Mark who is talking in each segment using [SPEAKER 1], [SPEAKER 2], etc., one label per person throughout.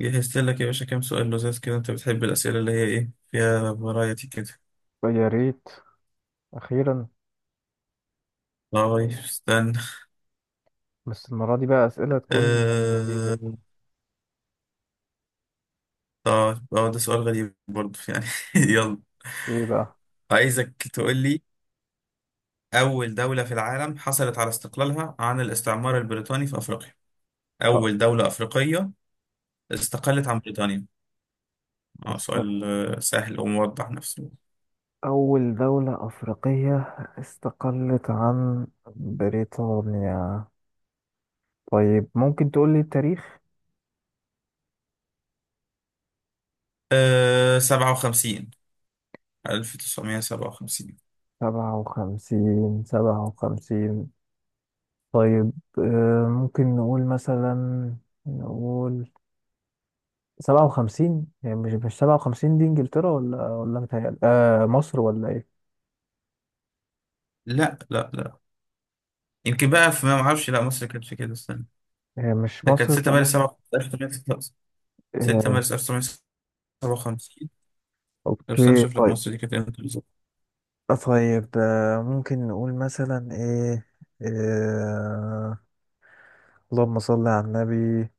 [SPEAKER 1] جهزت لك يا باشا كام سؤال لذيذ كده، انت بتحب الأسئلة اللي هي ايه فيها فرايتي كده.
[SPEAKER 2] يا ريت. أخيرا.
[SPEAKER 1] طيب استنى.
[SPEAKER 2] بس المرة دي بقى أسئلة تكون لذيذة.
[SPEAKER 1] آه... طيب ده سؤال غريب برضه يعني. يلا،
[SPEAKER 2] إيه بقى؟
[SPEAKER 1] عايزك تقول لي أول دولة في العالم حصلت على استقلالها عن الاستعمار البريطاني في أفريقيا.
[SPEAKER 2] طب،
[SPEAKER 1] أول دولة أفريقية استقلت عن بريطانيا. اه
[SPEAKER 2] است-
[SPEAKER 1] سؤال سهل وموضح نفسه.
[SPEAKER 2] أول دولة أفريقية استقلت عن بريطانيا. طيب ممكن تقول لي التاريخ؟
[SPEAKER 1] 57، 1957.
[SPEAKER 2] سبعة وخمسين سبعة وخمسين. طيب ممكن نقول مثلا نقول سبعة وخمسين، يعني مش سبعة وخمسين دي إنجلترا، ولا ولا متهيألي مصر ولا إيه؟
[SPEAKER 1] لا لا لا، يمكن بقى في، ما معرفش، لا مصر كانت في كده. استنى،
[SPEAKER 2] مش
[SPEAKER 1] ده كانت
[SPEAKER 2] مصر
[SPEAKER 1] 6 مارس
[SPEAKER 2] كمصر.
[SPEAKER 1] 1957. 6
[SPEAKER 2] آه،
[SPEAKER 1] مارس 1957. لو استنى
[SPEAKER 2] اوكي
[SPEAKER 1] اشوف لك
[SPEAKER 2] طيب.
[SPEAKER 1] مصر دي كانت امتى بالظبط.
[SPEAKER 2] طيب ممكن نقول مثلا ايه. آه، اللهم صل على النبي.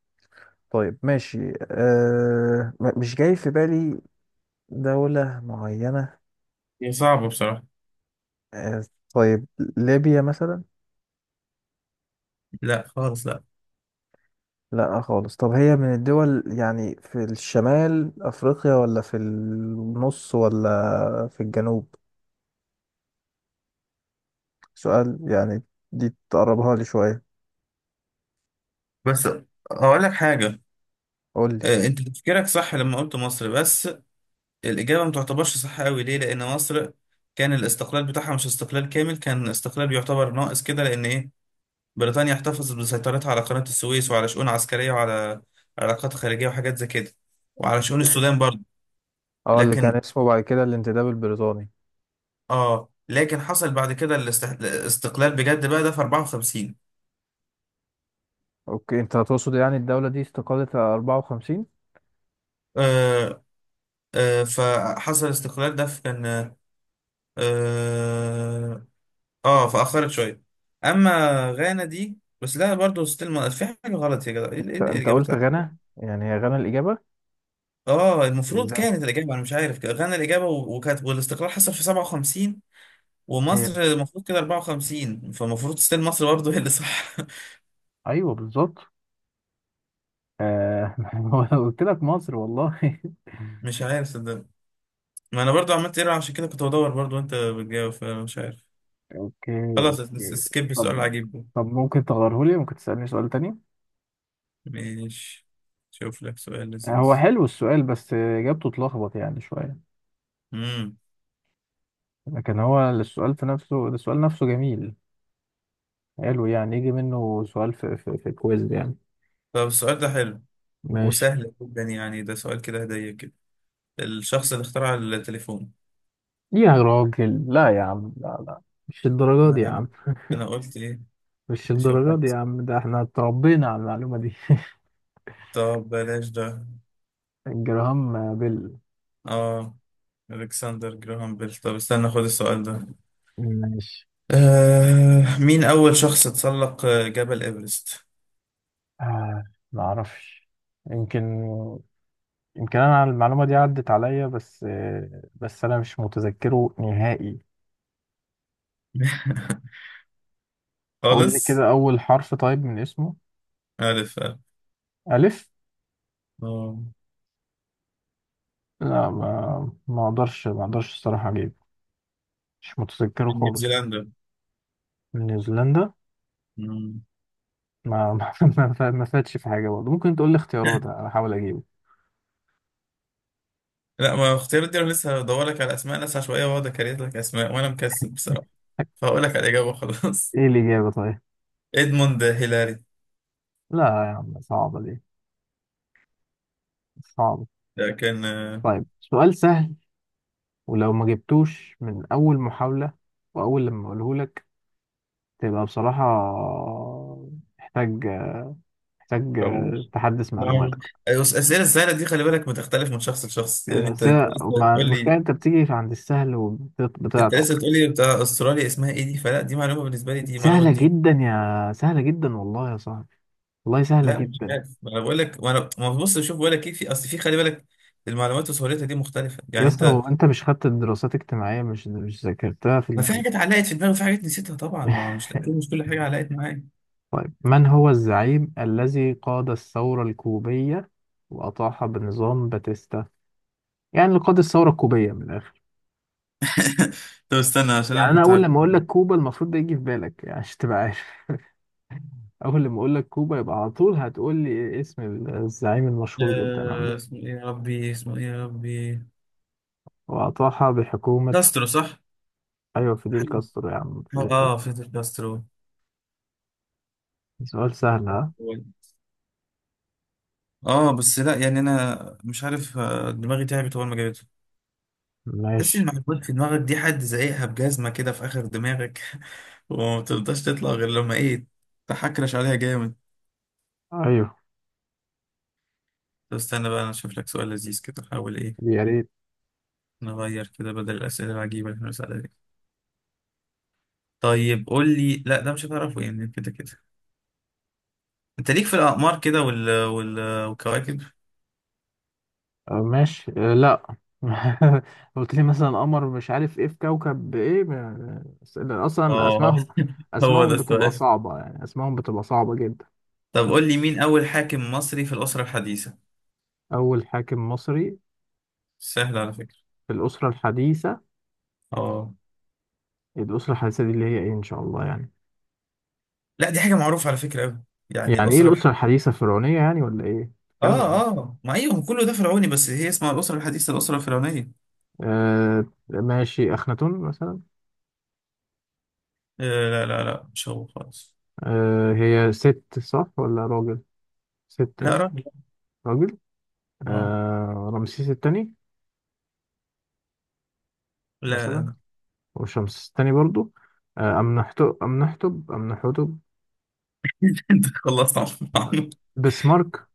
[SPEAKER 2] طيب ماشي، م- مش جاي في بالي دولة معينة.
[SPEAKER 1] هي صعبة بصراحة.
[SPEAKER 2] آه، طيب ليبيا مثلا.
[SPEAKER 1] لا خالص لا.
[SPEAKER 2] لا خالص. طب هي من الدول يعني في الشمال أفريقيا، ولا في النص، ولا في الجنوب؟ سؤال يعني دي تقربها لي شوية.
[SPEAKER 1] بس هقول لك حاجة.
[SPEAKER 2] قول لي.
[SPEAKER 1] انت تفكيرك صح لما قلت مصر، بس الإجابة ما تعتبرش صح قوي. ليه؟ لأن مصر كان الاستقلال بتاعها مش استقلال كامل، كان استقلال يعتبر ناقص كده، لأن إيه، بريطانيا احتفظت بسيطرتها على قناة السويس وعلى شؤون عسكرية وعلى علاقات خارجية وحاجات زي كده، وعلى شؤون
[SPEAKER 2] اوكي.
[SPEAKER 1] السودان برضه.
[SPEAKER 2] اه، اللي كان
[SPEAKER 1] لكن
[SPEAKER 2] اسمه بعد كده الانتداب البريطاني.
[SPEAKER 1] حصل بعد كده الاستقلال بجد بقى ده في 54.
[SPEAKER 2] اوكي، انت تقصد يعني الدولة دي استقالت على 54؟
[SPEAKER 1] آه فحصل الاستقلال ده في كان، اه اه فأخرت شوية، اما غانا دي. بس لا، برضه ستيل في حاجة غلط يا جدع، ايه إيه
[SPEAKER 2] انت
[SPEAKER 1] الاجابات.
[SPEAKER 2] قلت غانا، يعني هي غانا الإجابة؟
[SPEAKER 1] اه المفروض
[SPEAKER 2] ازاي؟
[SPEAKER 1] كانت الاجابة، انا مش عارف كده. غانا الاجابة، و- وكانت، والاستقلال حصل في 57
[SPEAKER 2] هي
[SPEAKER 1] ومصر المفروض كده 54، فالمفروض ستيل مصر برضه هي اللي صح.
[SPEAKER 2] ايوه بالظبط. آه. قلت لك مصر والله.
[SPEAKER 1] مش عارف صدق، ما انا برضه عملت ايرور عشان كده، كنت بدور برضه وانت بتجاوب، فمش عارف.
[SPEAKER 2] اوكي.
[SPEAKER 1] خلاص
[SPEAKER 2] اوكي.
[SPEAKER 1] سكيب السؤال
[SPEAKER 2] طب،
[SPEAKER 1] العجيب ده.
[SPEAKER 2] طب ممكن تغيره لي، ممكن تسألني سؤال تاني.
[SPEAKER 1] ماشي، شوف لك سؤال
[SPEAKER 2] هو
[SPEAKER 1] لذيذ.
[SPEAKER 2] حلو السؤال بس اجابته تلخبط يعني شوية.
[SPEAKER 1] امم
[SPEAKER 2] لكن هو السؤال في نفسه، السؤال نفسه جميل. حلو، يعني يجي منه سؤال في كويز يعني.
[SPEAKER 1] طب السؤال ده حلو
[SPEAKER 2] ماشي.
[SPEAKER 1] وسهل جدا يعني، ده سؤال كده هدية كده. الشخص اللي اخترع التليفون.
[SPEAKER 2] يا راجل لا، يا عم لا لا، مش الدرجة دي يا
[SPEAKER 1] ما
[SPEAKER 2] عم،
[SPEAKER 1] انا قلت ايه.
[SPEAKER 2] مش
[SPEAKER 1] نشوف حاجة.
[SPEAKER 2] الدرجة دي يا عم، ده احنا اتربينا على المعلومة دي.
[SPEAKER 1] طب بلاش ده.
[SPEAKER 2] جراهام بيل.
[SPEAKER 1] اه الكسندر جراهام بيل. طب استنى، خد السؤال ده.
[SPEAKER 2] ماشي.
[SPEAKER 1] مين اول شخص تسلق جبل ايفرست؟
[SPEAKER 2] آه. ما اعرفش. يمكن، يمكن انا المعلومة دي عدت عليا، بس بس انا مش متذكره نهائي. اقول لي
[SPEAKER 1] خالص.
[SPEAKER 2] كده اول حرف طيب من اسمه.
[SPEAKER 1] ألف. ألف.
[SPEAKER 2] الف.
[SPEAKER 1] اه
[SPEAKER 2] لا، ما اقدرش، ما اقدرش الصراحة اجيب. مش متذكره
[SPEAKER 1] من
[SPEAKER 2] خالص.
[SPEAKER 1] نيوزيلندا.
[SPEAKER 2] نيوزيلندا.
[SPEAKER 1] مم.
[SPEAKER 2] ما ما، ما فاتش في حاجة برضه، ممكن تقول لي اختيارات احاول اجيبه؟
[SPEAKER 1] لا، ما اختيارات دي، انا لسه هدور لك على اسماء ناس عشوائيه واقعد اكريت لك اسماء، وانا مكسل بصراحه، فهقول لك على الاجابه خلاص.
[SPEAKER 2] ايه الإجابة طيب؟
[SPEAKER 1] ادموند هيلاري.
[SPEAKER 2] لا يا عم، صعبة دي، صعب.
[SPEAKER 1] ده كان
[SPEAKER 2] طيب سؤال سهل، ولو ما جبتوش من أول محاولة وأول لما أقوله لك، تبقى بصراحة محتاج، محتاج
[SPEAKER 1] طابور.
[SPEAKER 2] تحدث
[SPEAKER 1] بعمل-
[SPEAKER 2] معلوماتك.
[SPEAKER 1] الاسئله السهله دي خلي بالك بتختلف من شخص لشخص يعني. انت
[SPEAKER 2] بس
[SPEAKER 1] انت
[SPEAKER 2] هي-
[SPEAKER 1] لسه
[SPEAKER 2] ما
[SPEAKER 1] بتقول
[SPEAKER 2] المشكلة
[SPEAKER 1] لي،
[SPEAKER 2] أنت بتيجي عند السهل
[SPEAKER 1] انت
[SPEAKER 2] وبتعطل.
[SPEAKER 1] لسه بتقول لي بتاع استراليا اسمها ايه، دي فلا دي معلومه بالنسبه لي، دي معلومه
[SPEAKER 2] سهلة
[SPEAKER 1] جديده.
[SPEAKER 2] جدا، يا سهلة جدا والله يا صاحبي، والله سهلة
[SPEAKER 1] لا مش
[SPEAKER 2] جدا.
[SPEAKER 1] عارف، ما انا بقول لك، ما انا، ما بص شوف، بقول لك ايه، في اصل في، خلي بالك المعلومات وسهولتها دي مختلفه
[SPEAKER 2] يا
[SPEAKER 1] يعني
[SPEAKER 2] اسطى
[SPEAKER 1] انت.
[SPEAKER 2] هو أنت مش خدت الدراسات الاجتماعية؟ مش ذاكرتها في
[SPEAKER 1] ما
[SPEAKER 2] ال- في
[SPEAKER 1] في
[SPEAKER 2] ال-.
[SPEAKER 1] حاجات علقت في دماغي وفي حاجات نسيتها طبعا، ما مش كل حاجه علقت معايا.
[SPEAKER 2] من هو الزعيم الذي قاد الثورة الكوبية وأطاح بنظام باتيستا؟ يعني لقاد الثورة الكوبية من الآخر.
[SPEAKER 1] طب استنى عشان انا
[SPEAKER 2] يعني أنا
[SPEAKER 1] كنت
[SPEAKER 2] أول
[SPEAKER 1] عارف.
[SPEAKER 2] لما أقول لك كوبا المفروض ده يجي في بالك، يعني عشان تبقى عارف. أول لما أقول لك كوبا يبقى على طول هتقول لي اسم الزعيم المشهور جدا عندهم
[SPEAKER 1] اسمه ايه يا ربي، اسمه ايه يا ربي؟
[SPEAKER 2] وأطاحها بحكومة.
[SPEAKER 1] كاسترو، صح؟
[SPEAKER 2] أيوة فيديل
[SPEAKER 1] حاجة-
[SPEAKER 2] كاسترو يا عم، فيديل كاسترو.
[SPEAKER 1] اه فيدل كاسترو.
[SPEAKER 2] سؤال سهل ها؟
[SPEAKER 1] اه بس لا يعني انا مش عارف، دماغي تعبت اول ما جابته. تحس ان
[SPEAKER 2] ماشي.
[SPEAKER 1] المعلومات في دماغك دي حد زايقها بجزمه كده في اخر دماغك، وما بترضاش تطلع غير لما ايه، تحكرش عليها جامد.
[SPEAKER 2] أيوه.
[SPEAKER 1] طب استنى بقى انا اشوف لك سؤال لذيذ كده، حاول ايه،
[SPEAKER 2] يا ريت.
[SPEAKER 1] نغير كده بدل الاسئله العجيبه اللي احنا بنسألها دي. طيب قول لي، لا ده مش هتعرفه يعني كده كده. انت ليك في الاقمار كده والكواكب.
[SPEAKER 2] أه ماشي، أه لأ. قلت لي مثلا قمر مش عارف إيه في كوكب إيه، ما- أصلا
[SPEAKER 1] اه
[SPEAKER 2] أسمائهم،
[SPEAKER 1] هو ده
[SPEAKER 2] أسمائهم بتبقى
[SPEAKER 1] السؤال.
[SPEAKER 2] صعبة، يعني أسمائهم بتبقى صعبة جدا.
[SPEAKER 1] طب قول لي مين اول حاكم مصري في الاسره الحديثه؟
[SPEAKER 2] أول حاكم مصري
[SPEAKER 1] سهل على فكره.
[SPEAKER 2] في الأسرة الحديثة.
[SPEAKER 1] اه
[SPEAKER 2] الأسرة الحديثة دي اللي هي إيه إن شاء الله يعني؟
[SPEAKER 1] لا دي حاجه معروفه على فكره قوي يعني.
[SPEAKER 2] يعني إيه الأسرة الحديثة الفرعونية يعني ولا إيه؟ بتتكلم عن
[SPEAKER 1] اه
[SPEAKER 2] إيه؟
[SPEAKER 1] اه ما ايوه، كله ده فرعوني، بس هي اسمها الاسره الحديثه، الاسره الفرعونيه.
[SPEAKER 2] آه، ماشي أخناتون مثلا.
[SPEAKER 1] لا لا لا، مش هو خالص.
[SPEAKER 2] آه هي ست صح ولا راجل؟ ست
[SPEAKER 1] لا
[SPEAKER 2] أه.
[SPEAKER 1] راجل.
[SPEAKER 2] راجل.
[SPEAKER 1] اه
[SPEAKER 2] آه رمسيس التاني
[SPEAKER 1] لا لا
[SPEAKER 2] مثلا،
[SPEAKER 1] لا.
[SPEAKER 2] وشمس التاني برضو. آه أمنحتب، أمنحتب، أمنحتب.
[SPEAKER 1] انت خلصت عنه.
[SPEAKER 2] بسمارك.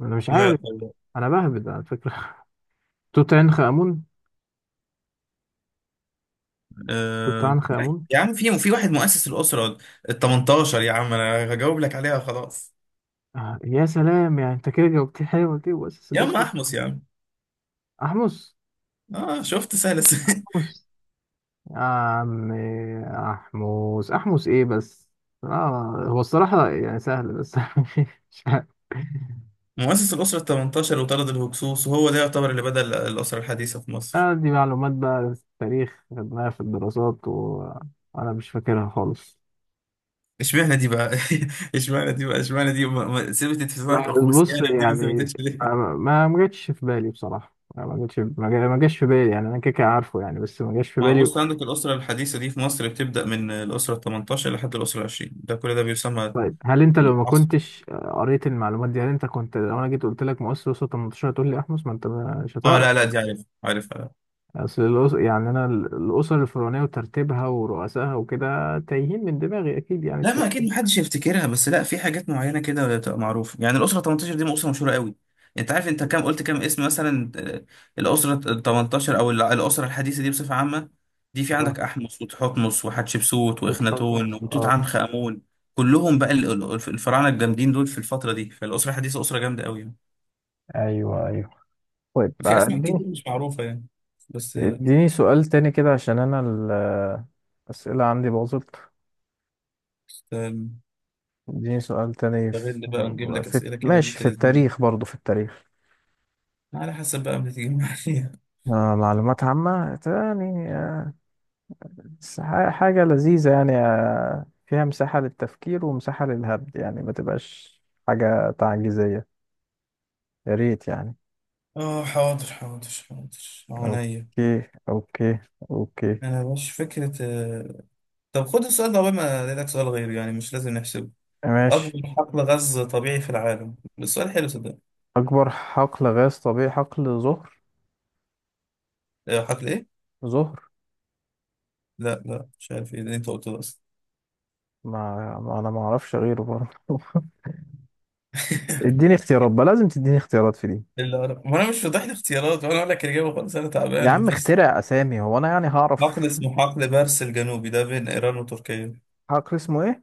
[SPEAKER 2] أنا مش
[SPEAKER 1] لا
[SPEAKER 2] عارف.
[SPEAKER 1] والله.
[SPEAKER 2] أنا بهبد على فكرة. توت عنخ آمون، توت
[SPEAKER 1] آه.
[SPEAKER 2] عنخ آمون.
[SPEAKER 1] يا عم في واحد مؤسس الاسره ال 18 يا عم، انا هجاوب لك عليها خلاص.
[SPEAKER 2] آه يا سلام، يعني أنت كده جاوبتيه حلوة كده وأسس
[SPEAKER 1] يا عم
[SPEAKER 2] الأسرة.
[SPEAKER 1] احمس يا عم.
[SPEAKER 2] أحمس.
[SPEAKER 1] اه شفت سهل.
[SPEAKER 2] أحمس يا عم، أحمس إيه بس؟ آه هو الصراحة يعني سهل، بس مش عارف.
[SPEAKER 1] مؤسس الأسرة ال 18، وطرد الهكسوس، وهو ده يعتبر اللي بدأ الأسرة الحديثة في مصر.
[SPEAKER 2] آه دي معلومات بقى في التاريخ خدناها في الدراسات، و- وأنا مش فاكرها خالص.
[SPEAKER 1] اشمعنى دي بقى؟ اشمعنى دي بقى، اشمعنى دي ثبتت في سنة
[SPEAKER 2] ما بص
[SPEAKER 1] أغسطسيانة، دي ما
[SPEAKER 2] يعني،
[SPEAKER 1] ثبتتش ليه.
[SPEAKER 2] ما جاتش في بالي بصراحة، ما جاتش، ما جاش في بالي، يعني أنا كده كده عارفه يعني، بس ما جاش في
[SPEAKER 1] ما هو
[SPEAKER 2] بالي.
[SPEAKER 1] بص، عندك الأسرة الحديثة دي في مصر بتبدأ من الأسرة ال 18 لحد الأسرة ال 20، ده كل ده بيسمى
[SPEAKER 2] طيب هل أنت لو ما
[SPEAKER 1] العصر.
[SPEAKER 2] كنتش قريت المعلومات دي، هل أنت كنت لو أنا جيت قلت لك مؤسس وسط 18 تقول لي أحمس؟ ما أنت مش
[SPEAKER 1] اه
[SPEAKER 2] هتعرف.
[SPEAKER 1] لا لا، دي عارف، عارف.
[SPEAKER 2] اصل الأس... يعني انا ال- الاسر الفرعونيه وترتيبها ورؤسائها وكده تايهين من دماغي اكيد، يعني
[SPEAKER 1] لا ما اكيد
[SPEAKER 2] الترتيب.
[SPEAKER 1] محدش يفتكرها، بس لا في حاجات معينه كده بتبقى معروفه يعني، الاسره 18 دي اسره مشهوره قوي. انت عارف انت كام، قلت كام اسم مثلا؟ الاسره ال 18 او الاسره الحديثه دي بصفه عامه، دي في
[SPEAKER 2] اه
[SPEAKER 1] عندك احمس وتحتمس وحتشبسوت
[SPEAKER 2] وتحط
[SPEAKER 1] واخناتون
[SPEAKER 2] نص
[SPEAKER 1] وتوت
[SPEAKER 2] اه.
[SPEAKER 1] عنخ امون. كلهم بقى الفراعنه الجامدين دول في الفتره دي. فالاسره الحديثه اسره جامده قوي يعني.
[SPEAKER 2] ايوه ايوه. طيب
[SPEAKER 1] في اسماء
[SPEAKER 2] اديني،
[SPEAKER 1] كتير مش معروفه يعني، بس
[SPEAKER 2] اديني سؤال تاني كده، عشان انا ال- الاسئله عندي باظت.
[SPEAKER 1] استنى،
[SPEAKER 2] اديني سؤال تاني
[SPEAKER 1] نستغل بقى، نجيب لك
[SPEAKER 2] في
[SPEAKER 1] اسئله كده
[SPEAKER 2] ماشي
[SPEAKER 1] بنت
[SPEAKER 2] في
[SPEAKER 1] لذينه،
[SPEAKER 2] التاريخ برضو، في التاريخ.
[SPEAKER 1] على حسب بقى ما تيجي معايا.
[SPEAKER 2] آه معلومات عامه تاني آه، بس ح- حاجه لذيذه يعني، آه فيها مساحه للتفكير ومساحه للهبد، يعني ما تبقاش حاجه تعجيزيه، يا ريت يعني.
[SPEAKER 1] اه حاضر حاضر حاضر عينيا.
[SPEAKER 2] اوكي. اوكي. اوكي.
[SPEAKER 1] انا مش فكرة، طب خد السؤال ده قبل ما الاقي لك سؤال غير، يعني مش لازم نحسبه.
[SPEAKER 2] ماشي.
[SPEAKER 1] اكبر حقل غاز طبيعي في العالم، السؤال حلو صدق.
[SPEAKER 2] اكبر حقل غاز طبيعي. حقل زهر.
[SPEAKER 1] حقل ايه؟
[SPEAKER 2] زهر.
[SPEAKER 1] لا لا، مش عارف ايه اللي انت قلته ده اصلا.
[SPEAKER 2] ما انا ما اعرفش غيره برضه. اديني اختيارات بقى، لازم تديني اختيارات في دي.
[SPEAKER 1] ما انا مش واضح لي اختيارات، وانا اقول لك الاجابه خالص، انا
[SPEAKER 2] يا
[SPEAKER 1] تعبان
[SPEAKER 2] عم
[SPEAKER 1] مفيش.
[SPEAKER 2] اخترع اسامي، هو انا يعني هعرف؟
[SPEAKER 1] حقل اسمه حقل بارس الجنوبي، ده بين ايران وتركيا.
[SPEAKER 2] حقل اسمه ايه؟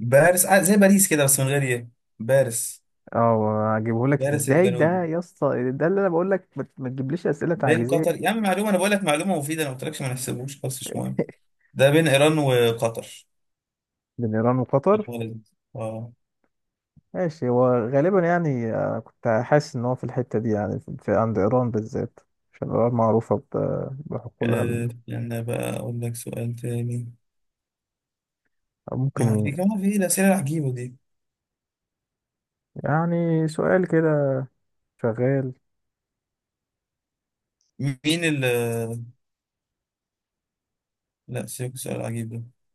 [SPEAKER 1] بارس، زي باريس كده بس من غير ايه. بارس،
[SPEAKER 2] اه اجيبه لك
[SPEAKER 1] بارس
[SPEAKER 2] ازاي ده
[SPEAKER 1] الجنوبي
[SPEAKER 2] يا اسطى، ده اللي انا بقول لك، ما تجيبليش اسئله
[SPEAKER 1] بين
[SPEAKER 2] تعجيزيه.
[SPEAKER 1] قطر يا عم. معلومه، انا بقول لك معلومه مفيده، انا ما قلتلكش ما نحسبوش، خالص مش مهم. ده بين إيران وقطر.
[SPEAKER 2] بين ايران وقطر.
[SPEAKER 1] الوالد. اه
[SPEAKER 2] ماشي، هو غالبا يعني، كنت حاسس ان هو في الحتة دي، يعني عند ايران بالذات، عشان ايران معروفة ب- بحقولها ال-.
[SPEAKER 1] استنى بقى أقول لك سؤال تاني، ما
[SPEAKER 2] ممكن.
[SPEAKER 1] دي كمان في، إيه الأسئلة العجيبة دي.
[SPEAKER 2] يعني سؤال كده شغال.
[SPEAKER 1] مين ال لا، سيبك سؤال عجيب ده.